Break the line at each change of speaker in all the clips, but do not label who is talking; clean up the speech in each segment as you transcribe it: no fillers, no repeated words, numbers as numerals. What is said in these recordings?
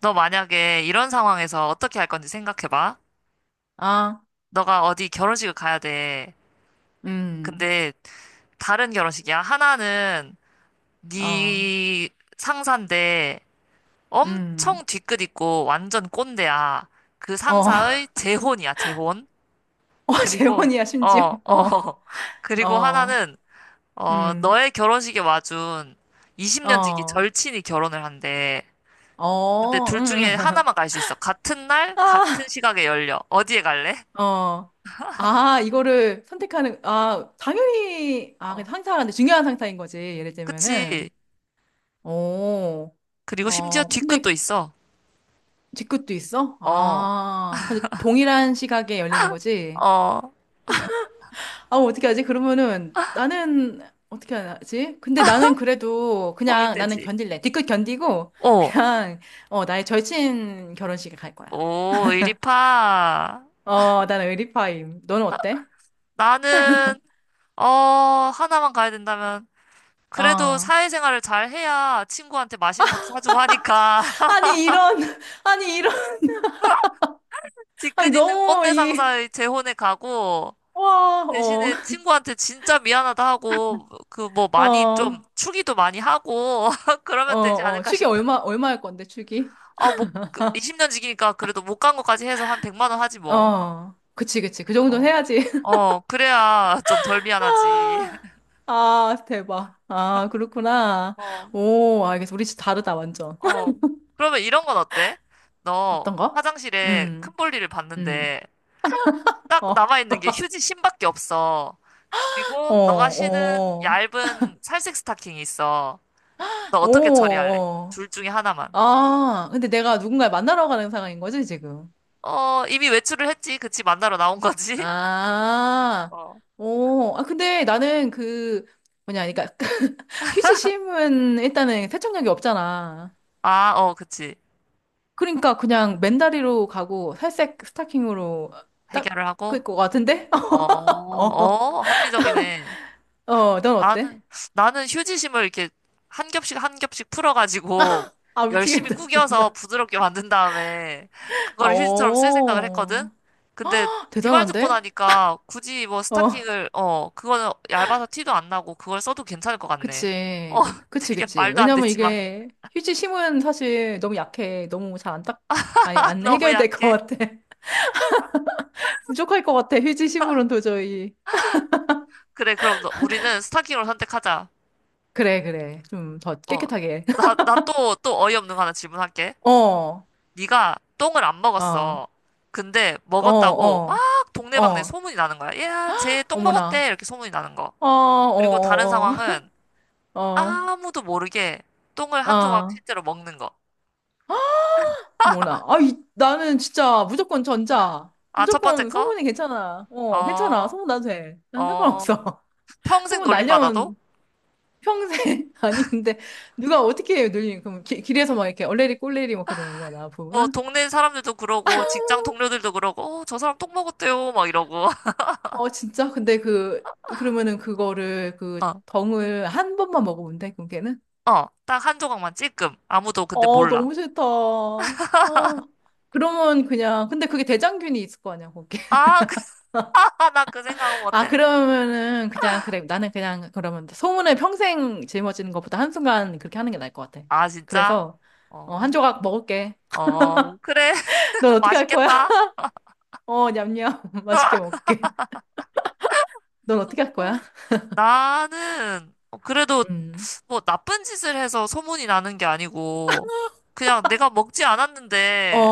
너 만약에 이런 상황에서 어떻게 할 건지 생각해봐.
아,
너가 어디 결혼식을 가야 돼.
음,
근데 다른 결혼식이야. 하나는
어,
네 상사인데
음,
엄청 뒤끝 있고 완전 꼰대야. 그
어,
상사의 재혼이야, 재혼. 그리고
재혼이야, 심지어.
어, 어. 그리고
어,
하나는 어,
음,
너의 결혼식에 와준 20년 지기
어,
절친이 결혼을 한대. 근데
어,
둘 중에
음,
하나만 갈 수 있어. 같은 날, 같은
아,
시각에 열려. 어디에 갈래?
어, 이거를 선택하는, 당연히, 그
어.
상사가 근데 중요한 상사인 거지, 예를 들면은.
그치.
오,
그리고 심지어
근데
뒤끝도 있어.
직급도 있어?
어,
근데 동일한 시각에 열리는 거지?
어,
아, 어떻게 하지? 그러면은 나는 어떻게 하지? 근데 나는 그래도 그냥 나는
고민되지.
견딜래. 뒤끝 견디고
어,
그냥 나의 절친 결혼식에 갈 거야.
오, 이리파.
어, 나는 의리파임. 너는 어때?
나는, 어, 하나만 가야 된다면. 그래도
어.
사회생활을 잘 해야 친구한테 맛있는 것도 사주고 하니까.
아니 이런 아니 이런 아니
뒤끝 있는
너무
꼰대
이
상사의 재혼에 가고,
와, 어.
대신에 친구한테 진짜 미안하다 하고, 그 뭐 많이 좀,
어.
축의도 많이 하고,
어,
그러면 되지
어.
않을까
축이 얼마
싶은데.
얼마일 건데 축이?
아, 뭐, 20년 지기니까 그래도 못 간 것까지 해서 한 100만 원 하지 뭐.
어. 그치 그치. 그 정도는
어,
해야지.
어, 그래야 좀 덜 미안하지.
아. 아, 대박. 아, 그렇구나.
어,
오, 알겠어. 우리 진짜 다르다, 완전.
어. 그러면 이런 건 어때? 너
어떤 거?
화장실에 큰
음,
볼일을
음.
봤는데 딱
어,
남아있는 게 휴지 심밖에 없어.
어,
그리고 너가 신은
어,
얇은 살색 스타킹이 있어. 너 어떻게 처리할래?
오, 어.
둘 중에 하나만.
아, 근데 내가 누군가를 만나러 가는 상황인 거지, 지금?
어, 이미 외출을 했지. 그치, 만나러 나온 거지?
아,
어.
오. 아, 근데 나는 뭐냐, 그러니까, 휴지심은 일단은 세척력이 없잖아.
아, 어, 그치.
그러니까 그냥 맨다리로 가고 살색 스타킹으로 딱
해결을 하고?
그럴 것 같은데?
어,
어,
어, 합리적이네.
어, 넌 어때?
나는, 나는 휴지심을 이렇게 한 겹씩 한 겹씩 풀어가지고
아,
열심히
미치겠다,
구겨서
진짜.
부드럽게 만든 다음에
아,
그거를 휴지처럼 쓸 생각을 했거든?
오.
근데 네 말 듣고
대단한데?
나니까 굳이 뭐
어.
스타킹을, 어, 그거는 얇아서 티도 안 나고 그걸 써도 괜찮을 것 같네. 어,
그치. 그치,
되게
그치.
말도 안
왜냐면
되지만.
이게 휴지 심은 사실 너무 약해. 너무 잘 안 딱, 아니, 안
너무
해결될 것
약해.
같아. 부족할 것 같아. 휴지 심으론 도저히.
그래, 그럼 너, 우리는 스타킹으로 선택하자.
그래, 그래. 좀 더
어,
깨끗하게.
나, 나 또, 또 어이없는 거 하나 질문할게.
어, 어,
네가 똥을 안
어,
먹었어. 근데 먹었다고
어,
막 동네방네
어.
소문이 나는 거야. 야, 쟤 똥 먹었대.
어머나.
이렇게 소문이 나는 거.
어, 어,
그리고 다른
어,
상황은
어, 어,
아무도 모르게 똥을 한 조각
어.
실제로 먹는 거.
어머나. 나는 진짜 무조건 전자.
아, 첫 번째
무조건
거?
소문이 괜찮아. 어, 괜찮아.
어,
소문 나도 돼. 난
어,
상관없어.
평생
소문
놀림받아도?
날려면 평생 아니 근데 누가 어떻게 해요 늘린 그럼 길에서 막 이렇게 얼레리 꼴레리 막 그러는 거야 나
뭐,
보면
동네 사람들도 그러고, 직장 동료들도 그러고, 어, 저 사람 똥 먹었대요. 막 이러고.
어 진짜 근데 그 그러면은 그거를 그
어,
덩을 한 번만 먹으면 돼 그게는
어, 딱 한 조각만 찔끔. 아무도 근데
어
몰라.
너무 싫다 아 그러면 그냥 근데 그게 대장균이 있을 거 아니야 거기
아, 나 그 생각은
아
못했네.
그러면은 그냥 그래 나는 그냥 그러면 소문을 평생 짊어지는 것보다 한순간 그렇게 하는 게 나을 것 같아
아, 진짜?
그래서 어,
어.
한 조각 먹을게
어, 그래.
넌 어떻게 할 거야
맛있겠다.
어 냠냠 맛있게 먹게 을 넌 어떻게 할
어,
거야?
나는 그래도
음.
뭐 나쁜 짓을 해서 소문이 나는 게 아니고 그냥 내가 먹지 않았는데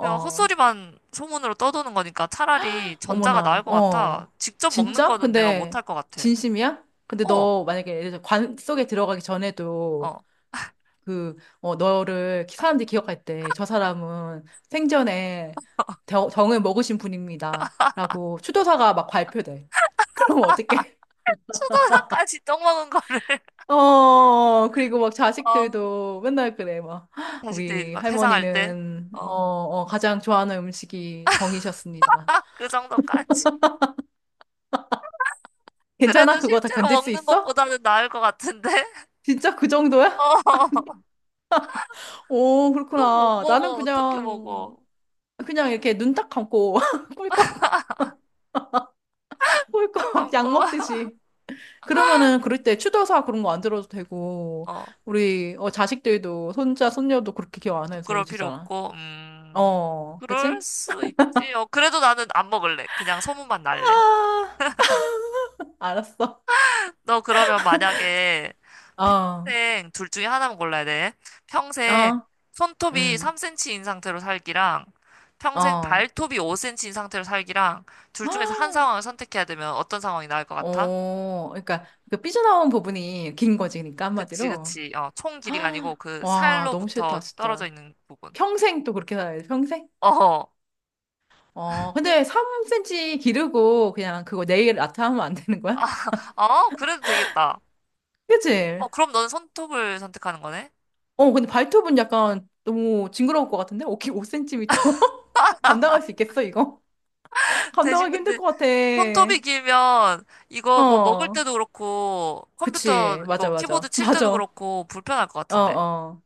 그냥
어.
헛소리만 소문으로 떠도는 거니까 차라리 전자가 나을
어머나,
것 같아.
어.
직접 먹는
진짜?
거는 내가
근데,
못할 것 같아.
진심이야? 근데
어,
너 만약에 예를 들어 관 속에 들어가기 전에도
어.
그, 어, 너를 사람들이 기억할 때 저 사람은 생전에 정, 정을 먹으신 분입니다. 라고 추도사가 막 발표돼. 그럼 어떡해?
수도사까지 떡 먹은 거를
어, 그리고 막
어,
자식들도 맨날 그래, 막.
자식들이
우리
막 회상할 때
할머니는,
어,
가장 좋아하는 음식이 덩이셨습니다.
그 정도까지. 그래도
괜찮아? 그거 다
실제로
견딜 수
먹는
있어?
것보다는 나을 것 같은데.
진짜 그 정도야?
어.
오,
똥 못
그렇구나. 나는
먹어. 어떻게
그냥,
먹어?
그냥 이렇게 눈 딱 감고 꿀꺽,
딱
꿀꺽
감고.
약 먹듯이. 그러면은 그럴 때 추도사 그런 거 안 들어도 되고,
어,
우리 자식들도 손자, 손녀도 그렇게 기억 안 해도 되고,
부끄러울 필요
진짜.
없고,
어, 그치?
그럴 수 있지. 어, 그래도 나는 안 먹을래. 그냥 소문만 날래.
아, 알았어.
너 그러면 만약에
어, 어,
평생 둘 중에 하나만 골라야 돼. 평생 손톱이
응
3cm인 상태로 살기랑 평생
어.
발톱이 5cm인 상태로 살기랑 둘 중에서 한 상황을 선택해야 되면 어떤 상황이 나을 것 같아?
그러니까 그 삐져나온 부분이 긴 거지, 그러니까
그치,
한마디로.
그치. 어, 총 길이가 아니고
헉,
그
와, 너무 싫다,
살로부터 떨어져
진짜.
있는 부분.
평생 또 그렇게 살아야 돼, 평생?
어허.
어, 근데 3cm 기르고 그냥 그거 네일 아트 하면 안 되는 거야?
아, 그래도 되겠다.
그치?
어, 그럼 너는 손톱을 선택하는 거네?
어, 근데 발톱은 약간 너무 징그러울 것 같은데? 5cm? 감당할 수 있겠어, 이거?
대신
감당하기 힘들
근데
것 같아.
손톱이 길면 이거 뭐 먹을
어,
때도 그렇고 컴퓨터
그치. 맞아,
이거 키보드
맞아.
칠 때도
맞아.
그렇고 불편할 것
어,
같은데.
어.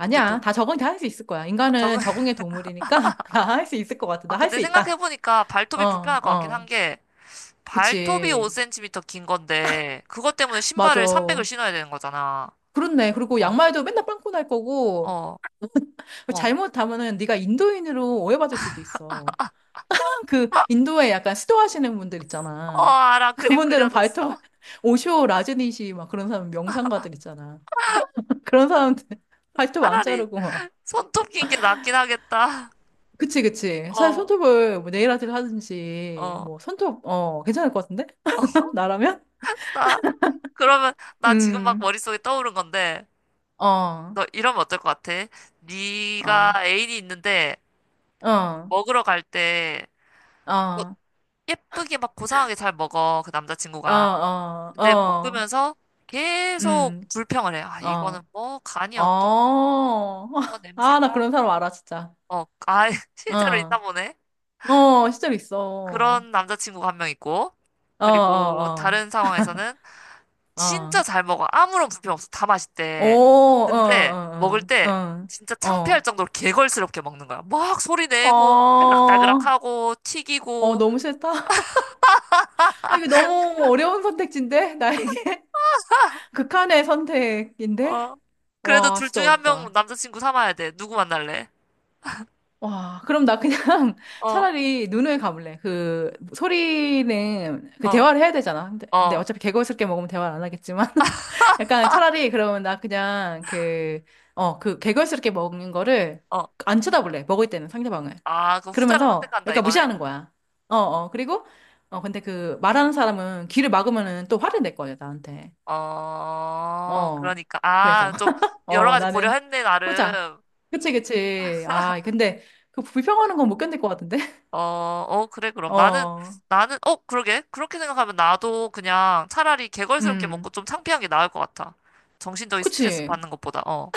근데 또,
다 적응 다 할 수 있을 거야. 인간은
적응-
적응의 동물이니까 다 할 수 있을 것 같아.
아,
나 할 수
근데
있다.
생각해보니까
어,
발톱이 불편할 것 같긴 한
어.
게 발톱이
그치.
5cm 긴 건데 그것 때문에
맞아.
신발을 300을 신어야 되는 거잖아.
그렇네. 그리고
어,
양말도 맨날 빵꾸 날 거고
어, 어.
잘못하면은 네가 인도인으로 오해받을 수도 있어. 그 인도에 약간 수도하시는 분들
어,
있잖아.
알아. 그림
그분들은 발톱
그려졌어.
오쇼 라즈니시 막 그런 사람 명상가들 있잖아. 그런 사람들 발톱 안
차라리
자르고 막.
손톱 긴 게 낫긴 하겠다.
그치 그치. 사실
어,
손톱을 뭐 네일 아트를 하든지
어.
뭐 손톱 어 괜찮을 것 같은데? 나라면?
나, 그러면, 나 지금 막
음.
머릿속에 떠오른 건데,
어.
너 이러면 어떨 것 같아?
어.
네가 애인이 있는데,
어.
먹으러 갈 때, 뭐
어.
예쁘게 막 고상하게 잘 먹어, 그
어.
남자친구가.
어.
근데
어.
먹으면서 계속
음.
불평을 해. 아, 이거는
어.
뭐, 간이 어떻고,
어.
뭐
아, 나
냄새가,
그런 사람 알아, 진짜.
어, 아, 실제로 있나
어.
보네.
어, 실제로 있어.
그런 남자친구가 한 명 있고,
어,
그리고
어,
다른 상황에서는,
어.
진짜
어.
잘 먹어. 아무런 불편 없어. 다
오,
맛있대. 근데
어,
먹을
어,
때
어.
진짜 창피할
어.
정도로 개걸스럽게 먹는 거야. 막 소리
어.
내고 막 따그락따그락
어,
하고
어,
튀기고
너무 싫다. 아, 이게 너무 어려운 선택지인데? 나에게? 극한의
어.
선택인데?
그래도
와,
둘
진짜
중에 한 명
어렵다.
남자친구 삼아야 돼. 누구 만날래?
와, 그럼 나 그냥
어,
차라리 눈을 감을래. 그 소리는 그
어,
대화를 해야 되잖아. 근데, 근데
어,
어차피 개걸스럽게 먹으면 대화를 안 하겠지만 약간 차라리 그러면 나 그냥 어, 그 개걸스럽게 먹는 거를
어.
안 쳐다볼래. 먹을 때는 상대방을.
아, 그 후자를
그러면서
선택한다
약간
이거네?
무시하는 거야. 어, 어. 그리고 어, 근데 그 말하는 사람은 귀를 막으면은 또 화를 낼 거야, 나한테.
어,
어.
그러니까.
그래서.
아, 좀 여러
어,
가지
나는
고려했네,
후자.
나름.
그치, 그치. 아, 근데 그 불평하는 건 못 견딜 것 같은데?
어, 어, 그래, 그럼. 나는,
어,
나는, 그러게. 그렇게 생각하면 나도 그냥 차라리 개걸스럽게 먹고
음.
좀 창피한 게 나을 것 같아. 정신적인 스트레스
그치.
받는 것보다, 어,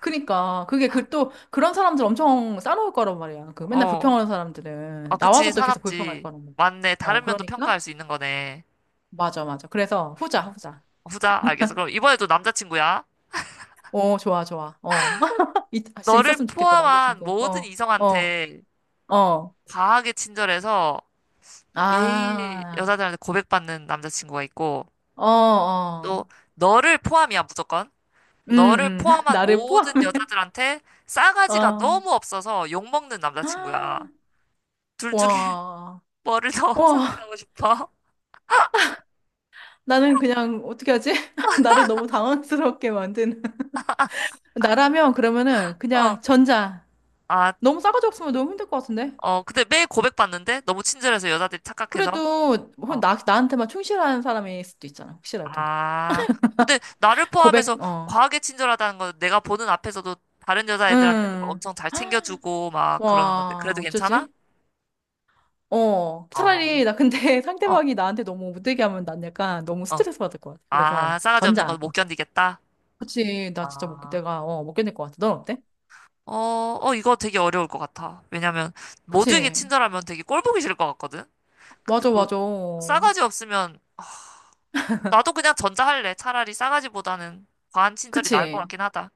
그니까. 그게 그 또 그런 사람들 엄청 싸놓을 거란 말이야. 그 맨날
어.
불평하는
아,
사람들은.
그치,
나와서 또 계속 불평할
사납지.
거란 말이야.
맞네.
어,
다른 면도
그러니까?
평가할 수 있는 거네.
맞아, 맞아. 그래서 후자, 후자.
후자, 알겠어. 그럼 이번에도 남자친구야.
어, 좋아, 좋아. 어. 아, 진짜
너를
있었으면 좋겠다,
포함한
남자친구.
모든
어,
이성한테
어.
과하게 친절해서 매일
아,
여자들한테 고백받는 남자친구가 있고,
어,
또,
어.
너를 포함이야, 무조건. 너를 포함한
나를
모든
포함해.
여자들한테 싸가지가
어.
너무 없어서 욕먹는 남자친구야. 둘 중에
와,
뭐를 더
와,
선택하고 싶어?
나는 그냥 어떻게 하지? 나를 너무 당황스럽게 만드는. 나라면 그러면은 그냥
어.
전자.
아,
너무 싸가지 없으면 너무 힘들 것 같은데?
어, 근데 매일 고백받는데? 너무 친절해서 여자들이 착각해서?
그래도 혹
어.
나, 나한테만 충실한 사람일 수도 있잖아, 혹시라도.
아. 근데 나를
고백,
포함해서
어.
과하게 친절하다는 건 내가 보는 앞에서도 다른 여자애들한테도 막
응.
엄청 잘 챙겨주고 막 그러는 건데.
와,
그래도 괜찮아?
어쩌지? 어.
어.
차라리 나 근데
어,
상대방이 나한테 너무 못되게 하면 난 약간 너무
어.
스트레스 받을 것 같아. 그래서
아, 싸가지 없는 건
전자.
못 견디겠다?
그치, 나 진짜 못,
아.
내가, 어, 못 견딜 것 같아. 넌 어때?
어, 어, 이거 되게 어려울 것 같아. 왜냐면 모두에게
그치.
친절하면 되게 꼴 보기 싫을 것 같거든? 근데
맞아,
또
맞아.
싸가지 없으면 아, 나도 그냥 전자할래. 차라리 싸가지보다는 과한 친절이 나을 것
그치?
같긴 하다.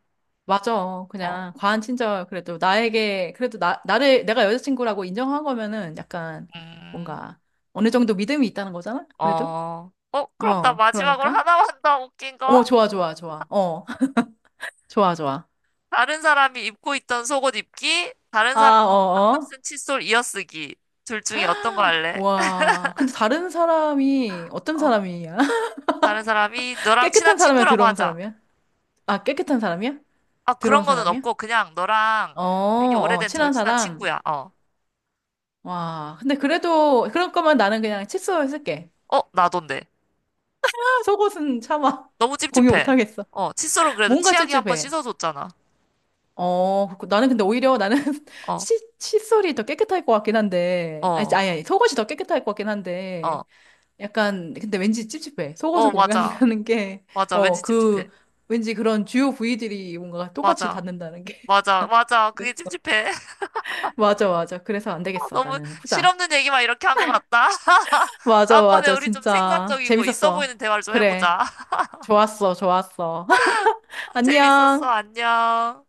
맞아.
어,
그냥 과한 친절 그래도 나에게 그래도 나 나를 내가 여자친구라고 인정한 거면은 약간
음,
뭔가 어느 정도 믿음이 있다는 거잖아. 그래도
어, 어, 그럼 나
어
마지막으로
그러니까
하나만 더 웃긴 거?
어 좋아 좋아 좋아 어 좋아 좋아
다른 사람이 입고 있던 속옷 입기, 다른
아
사람이 방금
어어
쓴 칫솔 이어쓰기. 둘 중에 어떤 거 할래?
와 근데 다른 사람이 어떤
어,
사람이야?
다른 사람이 너랑 친한
깨끗한 사람이야?
친구라고
더러운
하자.
사람이야? 아 깨끗한 사람이야?
아, 그런
더러운
거는
사람이야?
없고, 그냥 너랑
어,
되게
어
오래된
친한
절친한
사람
친구야. 어.
와 근데 그래도 그럴 거면 나는 그냥 칫솔 쓸게.
어, 나던데.
아, 속옷은 참아
너무
공유 못
찝찝해.
하겠어.
어, 칫솔은 그래도
뭔가
치약이 한번
찝찝해.
씻어줬잖아.
어, 그렇고 나는 근데 오히려 나는
어,
칫솔이 더 깨끗할 것 같긴 한데,
어,
아니, 속옷이 더 깨끗할 것 같긴
어.
한데, 약간, 근데 왠지 찝찝해. 속옷을
어, 맞아.
공유한다는 게,
맞아.
어,
왠지 찝찝해.
그, 왠지 그런 주요 부위들이 뭔가 똑같이
맞아.
닿는다는 게.
맞아. 맞아. 그게
그랬어.
찝찝해.
맞아, 맞아. 그래서 안
어,
되겠어.
너무
나는 후자.
실없는 얘기만 이렇게 한 것 같다.
맞아,
다음번에
맞아.
우리 좀
진짜.
생산적이고 있어
재밌었어.
보이는 대화를 좀
그래.
해보자.
좋았어, 좋았어.
재밌었어.
안녕.
안녕.